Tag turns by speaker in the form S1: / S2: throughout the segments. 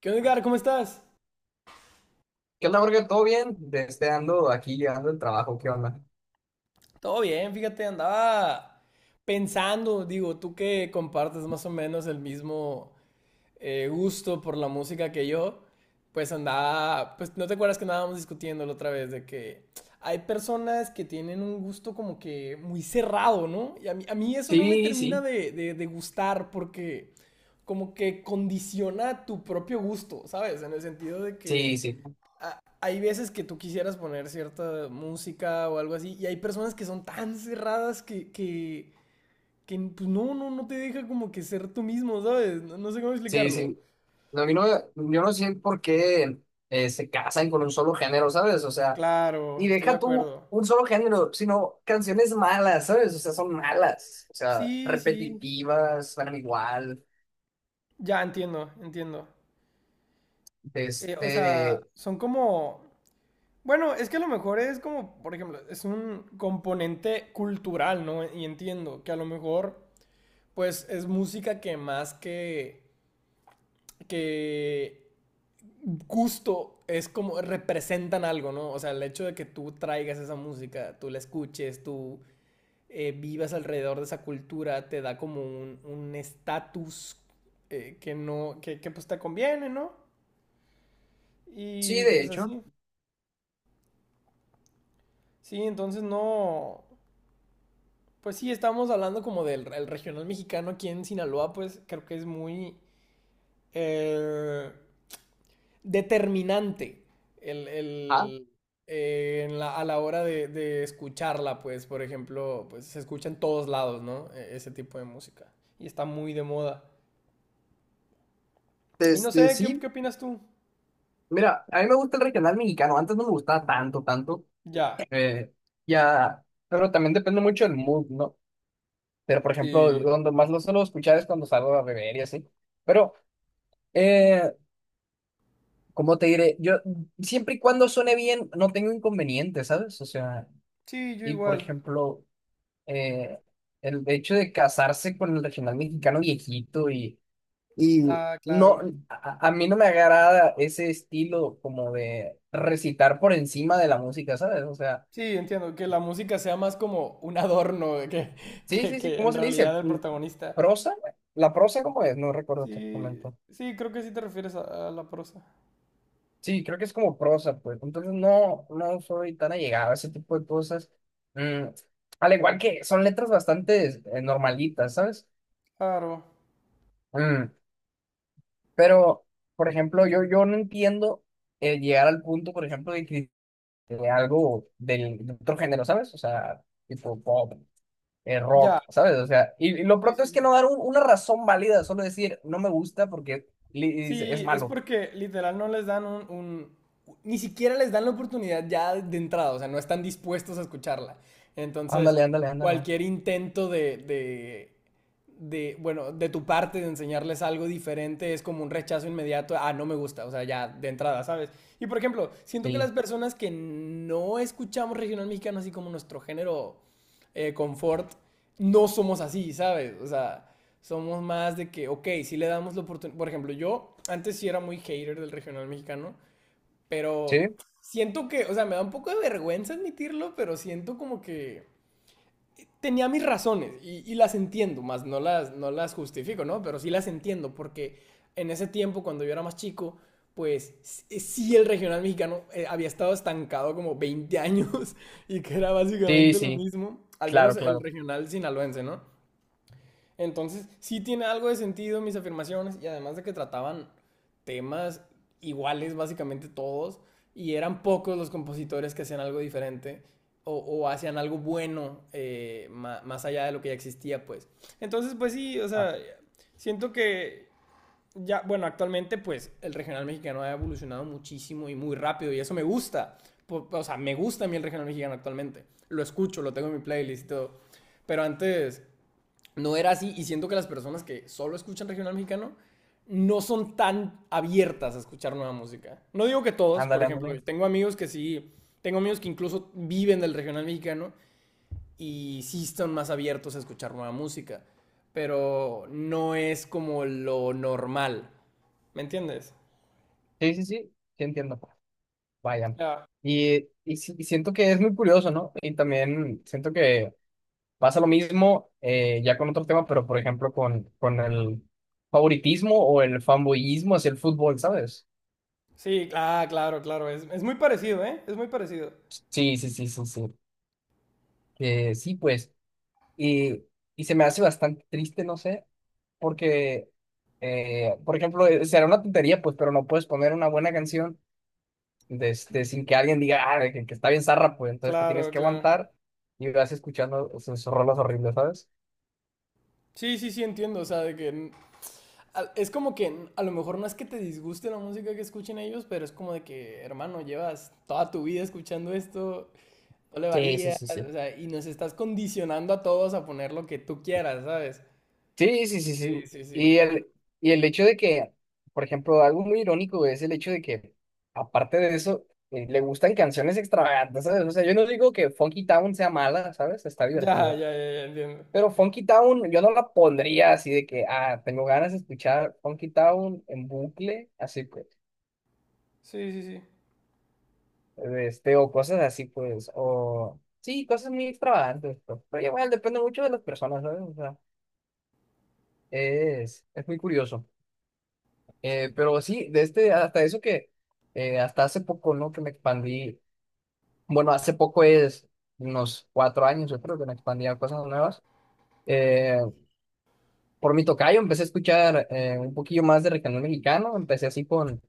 S1: ¿Qué onda, Edgar? ¿Cómo estás?
S2: ¿Qué onda, Jorge? ¿Todo bien? Desde ando aquí llegando del trabajo, ¿qué onda?
S1: Todo bien, fíjate, andaba pensando, digo, tú que compartes más o menos el mismo gusto por la música que yo, pues andaba, pues no te acuerdas que andábamos discutiendo la otra vez de que hay personas que tienen un gusto como que muy cerrado, ¿no? Y a mí eso no me
S2: Sí,
S1: termina
S2: sí,
S1: de gustar porque como que condiciona tu propio gusto, ¿sabes? En el sentido de
S2: sí,
S1: que
S2: sí,
S1: a, hay veces que tú quisieras poner cierta música o algo así, y hay personas que son tan cerradas que pues no, no, no te deja como que ser tú mismo, ¿sabes? No, no sé cómo
S2: sí,
S1: explicarlo.
S2: sí. No, a mí no, yo no sé por qué se casan con un solo género, ¿sabes? O sea,
S1: Claro,
S2: y
S1: estoy de
S2: deja tú
S1: acuerdo.
S2: un solo género, sino canciones malas, ¿sabes? O sea, son malas, o sea,
S1: Sí, sí.
S2: repetitivas, suenan igual.
S1: Ya entiendo, entiendo. O sea,
S2: Este,
S1: son como... Bueno, es que a lo mejor es como, por ejemplo, es un componente cultural, ¿no? Y entiendo que a lo mejor, pues, es música que más que gusto es como representan algo, ¿no? O sea, el hecho de que tú traigas esa música, tú la escuches, tú vivas alrededor de esa cultura, te da como un estatus un que no, que, pues te conviene, ¿no?
S2: sí,
S1: Y
S2: de
S1: pues
S2: hecho.
S1: así. Sí, entonces no, pues sí, estamos hablando como del el regional mexicano aquí en Sinaloa, pues creo que es muy... Eh, determinante
S2: Ah,
S1: el, en la- a la hora de escucharla, pues, por ejemplo, pues se escucha en todos lados, ¿no? E- Ese tipo de música. Y está muy de moda. Y no
S2: desde
S1: sé, ¿qué,
S2: sí.
S1: qué opinas tú?
S2: Mira, a mí me gusta el regional mexicano, antes no me gustaba tanto, tanto.
S1: Ya.
S2: Eh, ya, pero también depende mucho del mood, ¿no? Pero, por ejemplo,
S1: Sí.
S2: donde más lo suelo escuchar es cuando salgo a beber y así. Pero, eh, ¿cómo te diré? Yo, siempre y cuando suene bien, no tengo inconvenientes, ¿sabes? O sea,
S1: Sí, yo
S2: y por
S1: igual.
S2: ejemplo, eh, el hecho de casarse con el regional mexicano viejito y
S1: Ah,
S2: no,
S1: claro.
S2: a mí no me agrada ese estilo como de recitar por encima de la música, ¿sabes? O sea.
S1: Sí, entiendo, que la música sea más como un adorno de que,
S2: Sí, sí, sí,
S1: que
S2: ¿cómo
S1: en
S2: se le dice?
S1: realidad el protagonista.
S2: ¿Prosa? ¿La prosa cómo es? No recuerdo
S1: Sí,
S2: exactamente.
S1: sí, creo que sí te refieres a la prosa.
S2: Sí, creo que es como prosa, pues. Entonces no, no soy tan allegado a ese tipo de cosas. Mm, al igual que son letras bastante normalitas, ¿sabes?
S1: Claro.
S2: Mm, pero, por ejemplo, yo no entiendo llegar al punto, por ejemplo, de que de algo de otro género, ¿sabes? O sea, tipo pop.
S1: Ya.
S2: Rock, ¿sabes? O sea, y lo
S1: Sí,
S2: pronto
S1: sí,
S2: es que
S1: sí.
S2: no dar una razón válida, solo decir, no me gusta porque y dice, es
S1: Sí, es
S2: malo.
S1: porque literal no les dan un- Ni siquiera les dan la oportunidad ya de entrada, o sea, no están dispuestos a escucharla. Entonces,
S2: Ándale, ándale, ándale.
S1: cualquier intento de, bueno, de tu parte de enseñarles algo diferente es como un rechazo inmediato, ah, no me gusta, o sea, ya de entrada, ¿sabes? Y por ejemplo, siento que
S2: Sí,
S1: las personas que no escuchamos regional mexicano así como nuestro género confort, no somos así, ¿sabes? O sea, somos más de que, ok, si le damos la oportunidad. Por ejemplo, yo antes sí era muy hater del regional mexicano, pero
S2: sí,
S1: siento que, o sea, me da un poco de vergüenza admitirlo, pero siento como que tenía mis razones y las entiendo, más no las, no las justifico, ¿no? Pero sí las entiendo porque en ese tiempo, cuando yo era más chico, pues sí el regional mexicano había estado estancado como 20 años y que era
S2: sí,
S1: básicamente lo
S2: sí,
S1: mismo, al
S2: claro,
S1: menos el
S2: claro.
S1: regional sinaloense, ¿no? Entonces, sí tiene algo de sentido mis afirmaciones y además de que trataban temas iguales básicamente todos y eran pocos los compositores que hacían algo diferente o hacían algo bueno ma- más allá de lo que ya existía, pues. Entonces, pues sí, o
S2: Ah,
S1: sea, siento que ya, bueno, actualmente pues el regional mexicano ha evolucionado muchísimo y muy rápido y eso me gusta. O sea, me gusta a mí el regional mexicano actualmente. Lo escucho, lo tengo en mi playlist y todo. Pero antes no era así y siento que las personas que solo escuchan regional mexicano no son tan abiertas a escuchar nueva música. No digo que todos, por
S2: ándale,
S1: ejemplo,
S2: ándale.
S1: tengo amigos que sí, tengo amigos que incluso viven del regional mexicano y sí están más abiertos a escuchar nueva música, pero no es como lo normal. ¿Me entiendes?
S2: Sí, sí, sí, sí entiendo. Vaya.
S1: Ya.
S2: Y siento que es muy curioso, ¿no? Y también siento que pasa lo mismo ya con otro tema, pero por ejemplo con, el favoritismo o el fanboyismo hacia el fútbol, ¿sabes?
S1: Sí, ah, claro, claro, es muy parecido, ¿eh? Es muy parecido.
S2: Sí, sí, sí, sí, sí. Que sí, pues. Y, y se me hace bastante triste, no sé, porque, por ejemplo, será una tontería, pues, pero no puedes poner una buena canción de este, sin que alguien diga, ah, que está bien zarra, pues, entonces te tienes
S1: Claro,
S2: que
S1: claro.
S2: aguantar y vas escuchando sus rolas horribles, ¿sabes?
S1: Sí, sí, sí, entiendo, o sea, de que es como que a lo mejor no es que te disguste la música que escuchen ellos, pero es como de que, hermano, llevas toda tu vida escuchando esto, no le
S2: Sí, sí,
S1: varías,
S2: sí, sí.
S1: o sea, y nos estás condicionando a todos a poner lo que tú quieras, ¿sabes?
S2: Sí, sí, sí,
S1: Sí,
S2: sí.
S1: sí, sí.
S2: Y
S1: Porque-
S2: el, y el hecho de que, por ejemplo, algo muy irónico güey, es el hecho de que, aparte de eso, le gustan canciones extravagantes, ¿sabes? O sea, yo no digo que Funky Town sea mala, ¿sabes? Está
S1: Ya,
S2: divertida.
S1: ya, ya, ya entiendo.
S2: Pero Funky Town, yo no la pondría así de que, ah, tengo ganas de escuchar Funky Town en bucle, así pues,
S1: Sí, sí, sí.
S2: este, o cosas así pues, o sí, cosas muy extravagantes, pues, pero igual depende mucho de las personas, ¿sabes? O sea, es, muy curioso. Pero sí, de este, hasta eso que, hasta hace poco, ¿no? Que me expandí, bueno, hace poco es unos 4 años, yo creo que me expandí a cosas nuevas. Eh, por mi tocayo empecé a escuchar un poquillo más de regional mexicano, empecé así con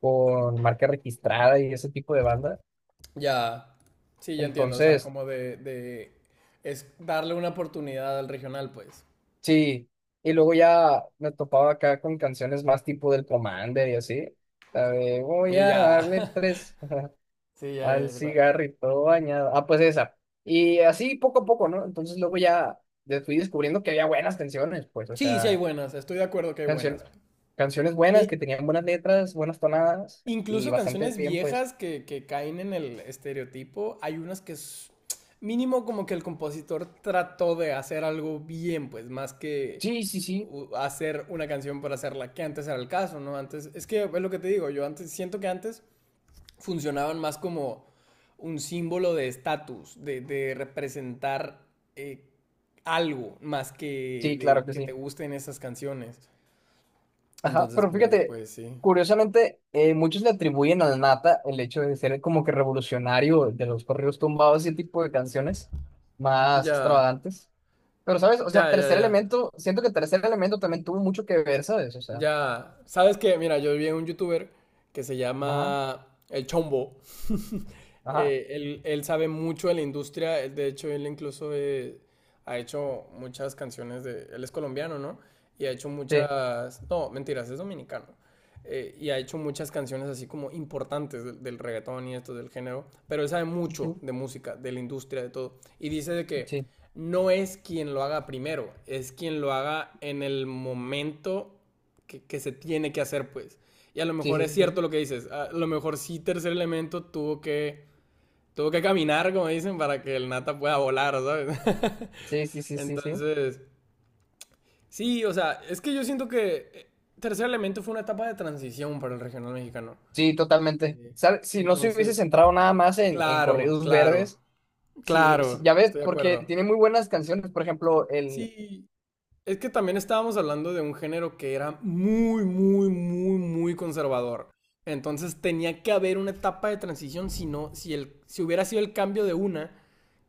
S2: con Marca Registrada y ese tipo de banda.
S1: Ya, sí, ya entiendo, o sea,
S2: Entonces,
S1: como de, es darle una oportunidad al regional, pues.
S2: sí. Y luego ya me topaba acá con canciones más tipo del Commander y así. La de voy
S1: Y
S2: a
S1: ya,
S2: darle tres
S1: sí, ya, ya,
S2: al
S1: ya sé cuál.
S2: cigarrito bañado. Ah, pues esa. Y así poco a poco, ¿no? Entonces luego ya fui descubriendo que había buenas canciones, pues, o
S1: Sí, sí hay
S2: sea,
S1: buenas, estoy de acuerdo que hay
S2: canción
S1: buenas.
S2: canciones buenas
S1: E-
S2: que tenían buenas letras, buenas tonadas y
S1: Incluso
S2: bastante
S1: canciones
S2: bien, pues.
S1: viejas que caen en el estereotipo, hay unas que es mínimo como que el compositor trató de hacer algo bien, pues más que
S2: Sí, sí, sí.
S1: u- hacer una canción por hacerla, que antes era el caso, ¿no? Antes, es que es lo que te digo, yo antes siento que antes funcionaban más como un símbolo de estatus, de representar eh, algo más que
S2: Sí, claro
S1: de
S2: que
S1: que te
S2: sí.
S1: gusten esas canciones.
S2: Ajá,
S1: Entonces,
S2: pero
S1: pues,
S2: fíjate,
S1: pues sí.
S2: curiosamente, muchos le atribuyen al Nata el hecho de ser como que revolucionario de los corridos tumbados y ese tipo de canciones más
S1: Ya,
S2: extravagantes. Pero, ¿sabes? O sea,
S1: ya, ya,
S2: Tercer
S1: ya.
S2: Elemento, siento que Tercer Elemento también tuvo mucho que ver, ¿sabes? O sea,
S1: Ya, sabes que, mira, yo vi a un youtuber que se
S2: ajá,
S1: llama El Chombo,
S2: ajá,
S1: él sabe mucho de la industria, él- de hecho él incluso ha hecho muchas canciones de, él es colombiano, ¿no? Y ha hecho
S2: sí,
S1: muchas, no, mentiras, es dominicano. Y ha hecho muchas canciones así como importantes del, del reggaetón y esto del género, pero él sabe mucho
S2: sí,
S1: de música, de la industria, de todo. Y dice de que
S2: sí,
S1: no es quien lo haga primero, es quien lo haga en el momento que se tiene que hacer, pues. Y a lo
S2: sí,
S1: mejor
S2: sí,
S1: es
S2: sí, sí,
S1: cierto lo que dices, a lo mejor sí Tercer Elemento tuvo que tuvo que caminar, como dicen, para que el nata pueda volar, ¿sabes?
S2: sí, sí, sí, sí,
S1: Entonces, sí, o sea, es que yo siento que Tercer Elemento fue una etapa de transición para el regional mexicano.
S2: sí, totalmente.
S1: Eh,
S2: ¿Sabes? Si no se hubiese
S1: Entonces,
S2: centrado nada más en,
S1: claro,
S2: corridos
S1: claro,
S2: verdes, sí, sí,
S1: claro,
S2: ya ves,
S1: estoy de
S2: porque
S1: acuerdo.
S2: tiene muy buenas canciones, por ejemplo,
S1: Sí, es que también estábamos hablando de un género que era muy, muy, muy, muy conservador. Entonces tenía que haber una etapa de transición, si no, si el, si hubiera sido el cambio de una,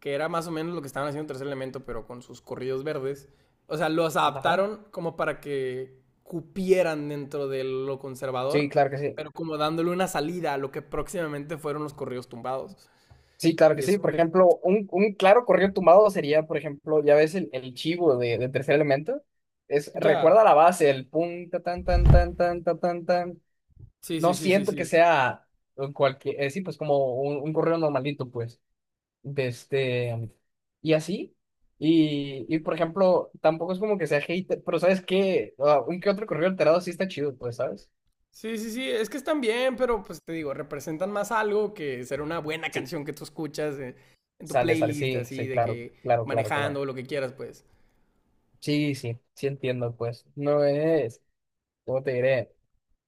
S1: que era más o menos lo que estaban haciendo Tercer Elemento, pero con sus corridos verdes. O sea, los
S2: ajá,
S1: adaptaron como para que cupieran dentro de lo
S2: sí,
S1: conservador,
S2: claro que sí.
S1: pero como dándole una salida a lo que próximamente fueron los corridos tumbados.
S2: Sí, claro que
S1: Y
S2: sí.
S1: eso
S2: Por
S1: me...
S2: ejemplo, un, claro corrido tumbado sería, por ejemplo, ya ves el chivo de Tercer Elemento. Es, recuerda
S1: Ya.
S2: la base, el pum, ta, tan, tan, tan, tan, ta, tan, tan.
S1: Sí,
S2: No
S1: sí, sí, sí,
S2: siento que
S1: sí.
S2: sea cualquier, sí, pues como un corrido normalito, pues. De este, y así. Y, por ejemplo, tampoco es como que sea hater, pero ¿sabes qué? Ah, un que otro corrido alterado sí está chido, pues, ¿sabes?
S1: Sí, sí, sí, es que están bien, pero pues te digo, representan más algo que ser una buena
S2: Sí,
S1: canción que tú escuchas en tu
S2: sale, sale,
S1: playlist,
S2: sí,
S1: así,
S2: sí,
S1: de
S2: claro,
S1: que
S2: claro, claro,
S1: manejando
S2: claro.
S1: o lo que quieras, pues.
S2: Sí, sí, sí entiendo, pues. No es. ¿Cómo te diré?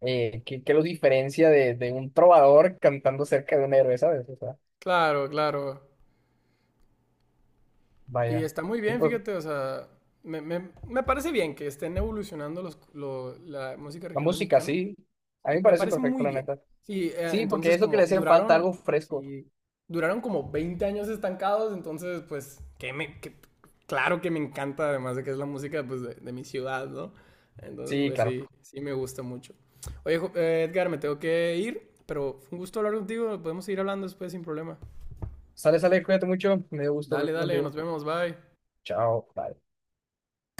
S2: ¿Qué lo diferencia de, un trovador cantando cerca de un héroe, ¿sabes? O sea,
S1: Claro, claro. Y
S2: vaya.
S1: está muy
S2: Y
S1: bien,
S2: pues,
S1: fíjate, o sea, me- me parece bien que estén evolucionando los, lo- la música
S2: la
S1: regional
S2: música,
S1: mexicana.
S2: sí. A mí
S1: Sí,
S2: me
S1: me
S2: parece
S1: parece
S2: perfecto,
S1: muy
S2: la
S1: bien.
S2: neta.
S1: Sí,
S2: Sí, porque
S1: entonces
S2: es lo que le
S1: como
S2: hacía falta,
S1: duraron,
S2: algo fresco.
S1: sí, duraron como 20 años estancados, entonces pues, que me, que- claro que me encanta, además de que es la música pues de mi ciudad, ¿no? Entonces
S2: Sí,
S1: pues
S2: claro.
S1: sí, sí me gusta mucho. Oye, Jo- Edgar, me tengo que ir, pero fue un gusto hablar contigo, podemos seguir hablando después sin problema.
S2: Sale, sale, cuídate mucho. Me dio gusto
S1: Dale,
S2: hablar
S1: dale, nos
S2: contigo.
S1: vemos, bye.
S2: Chao, bye.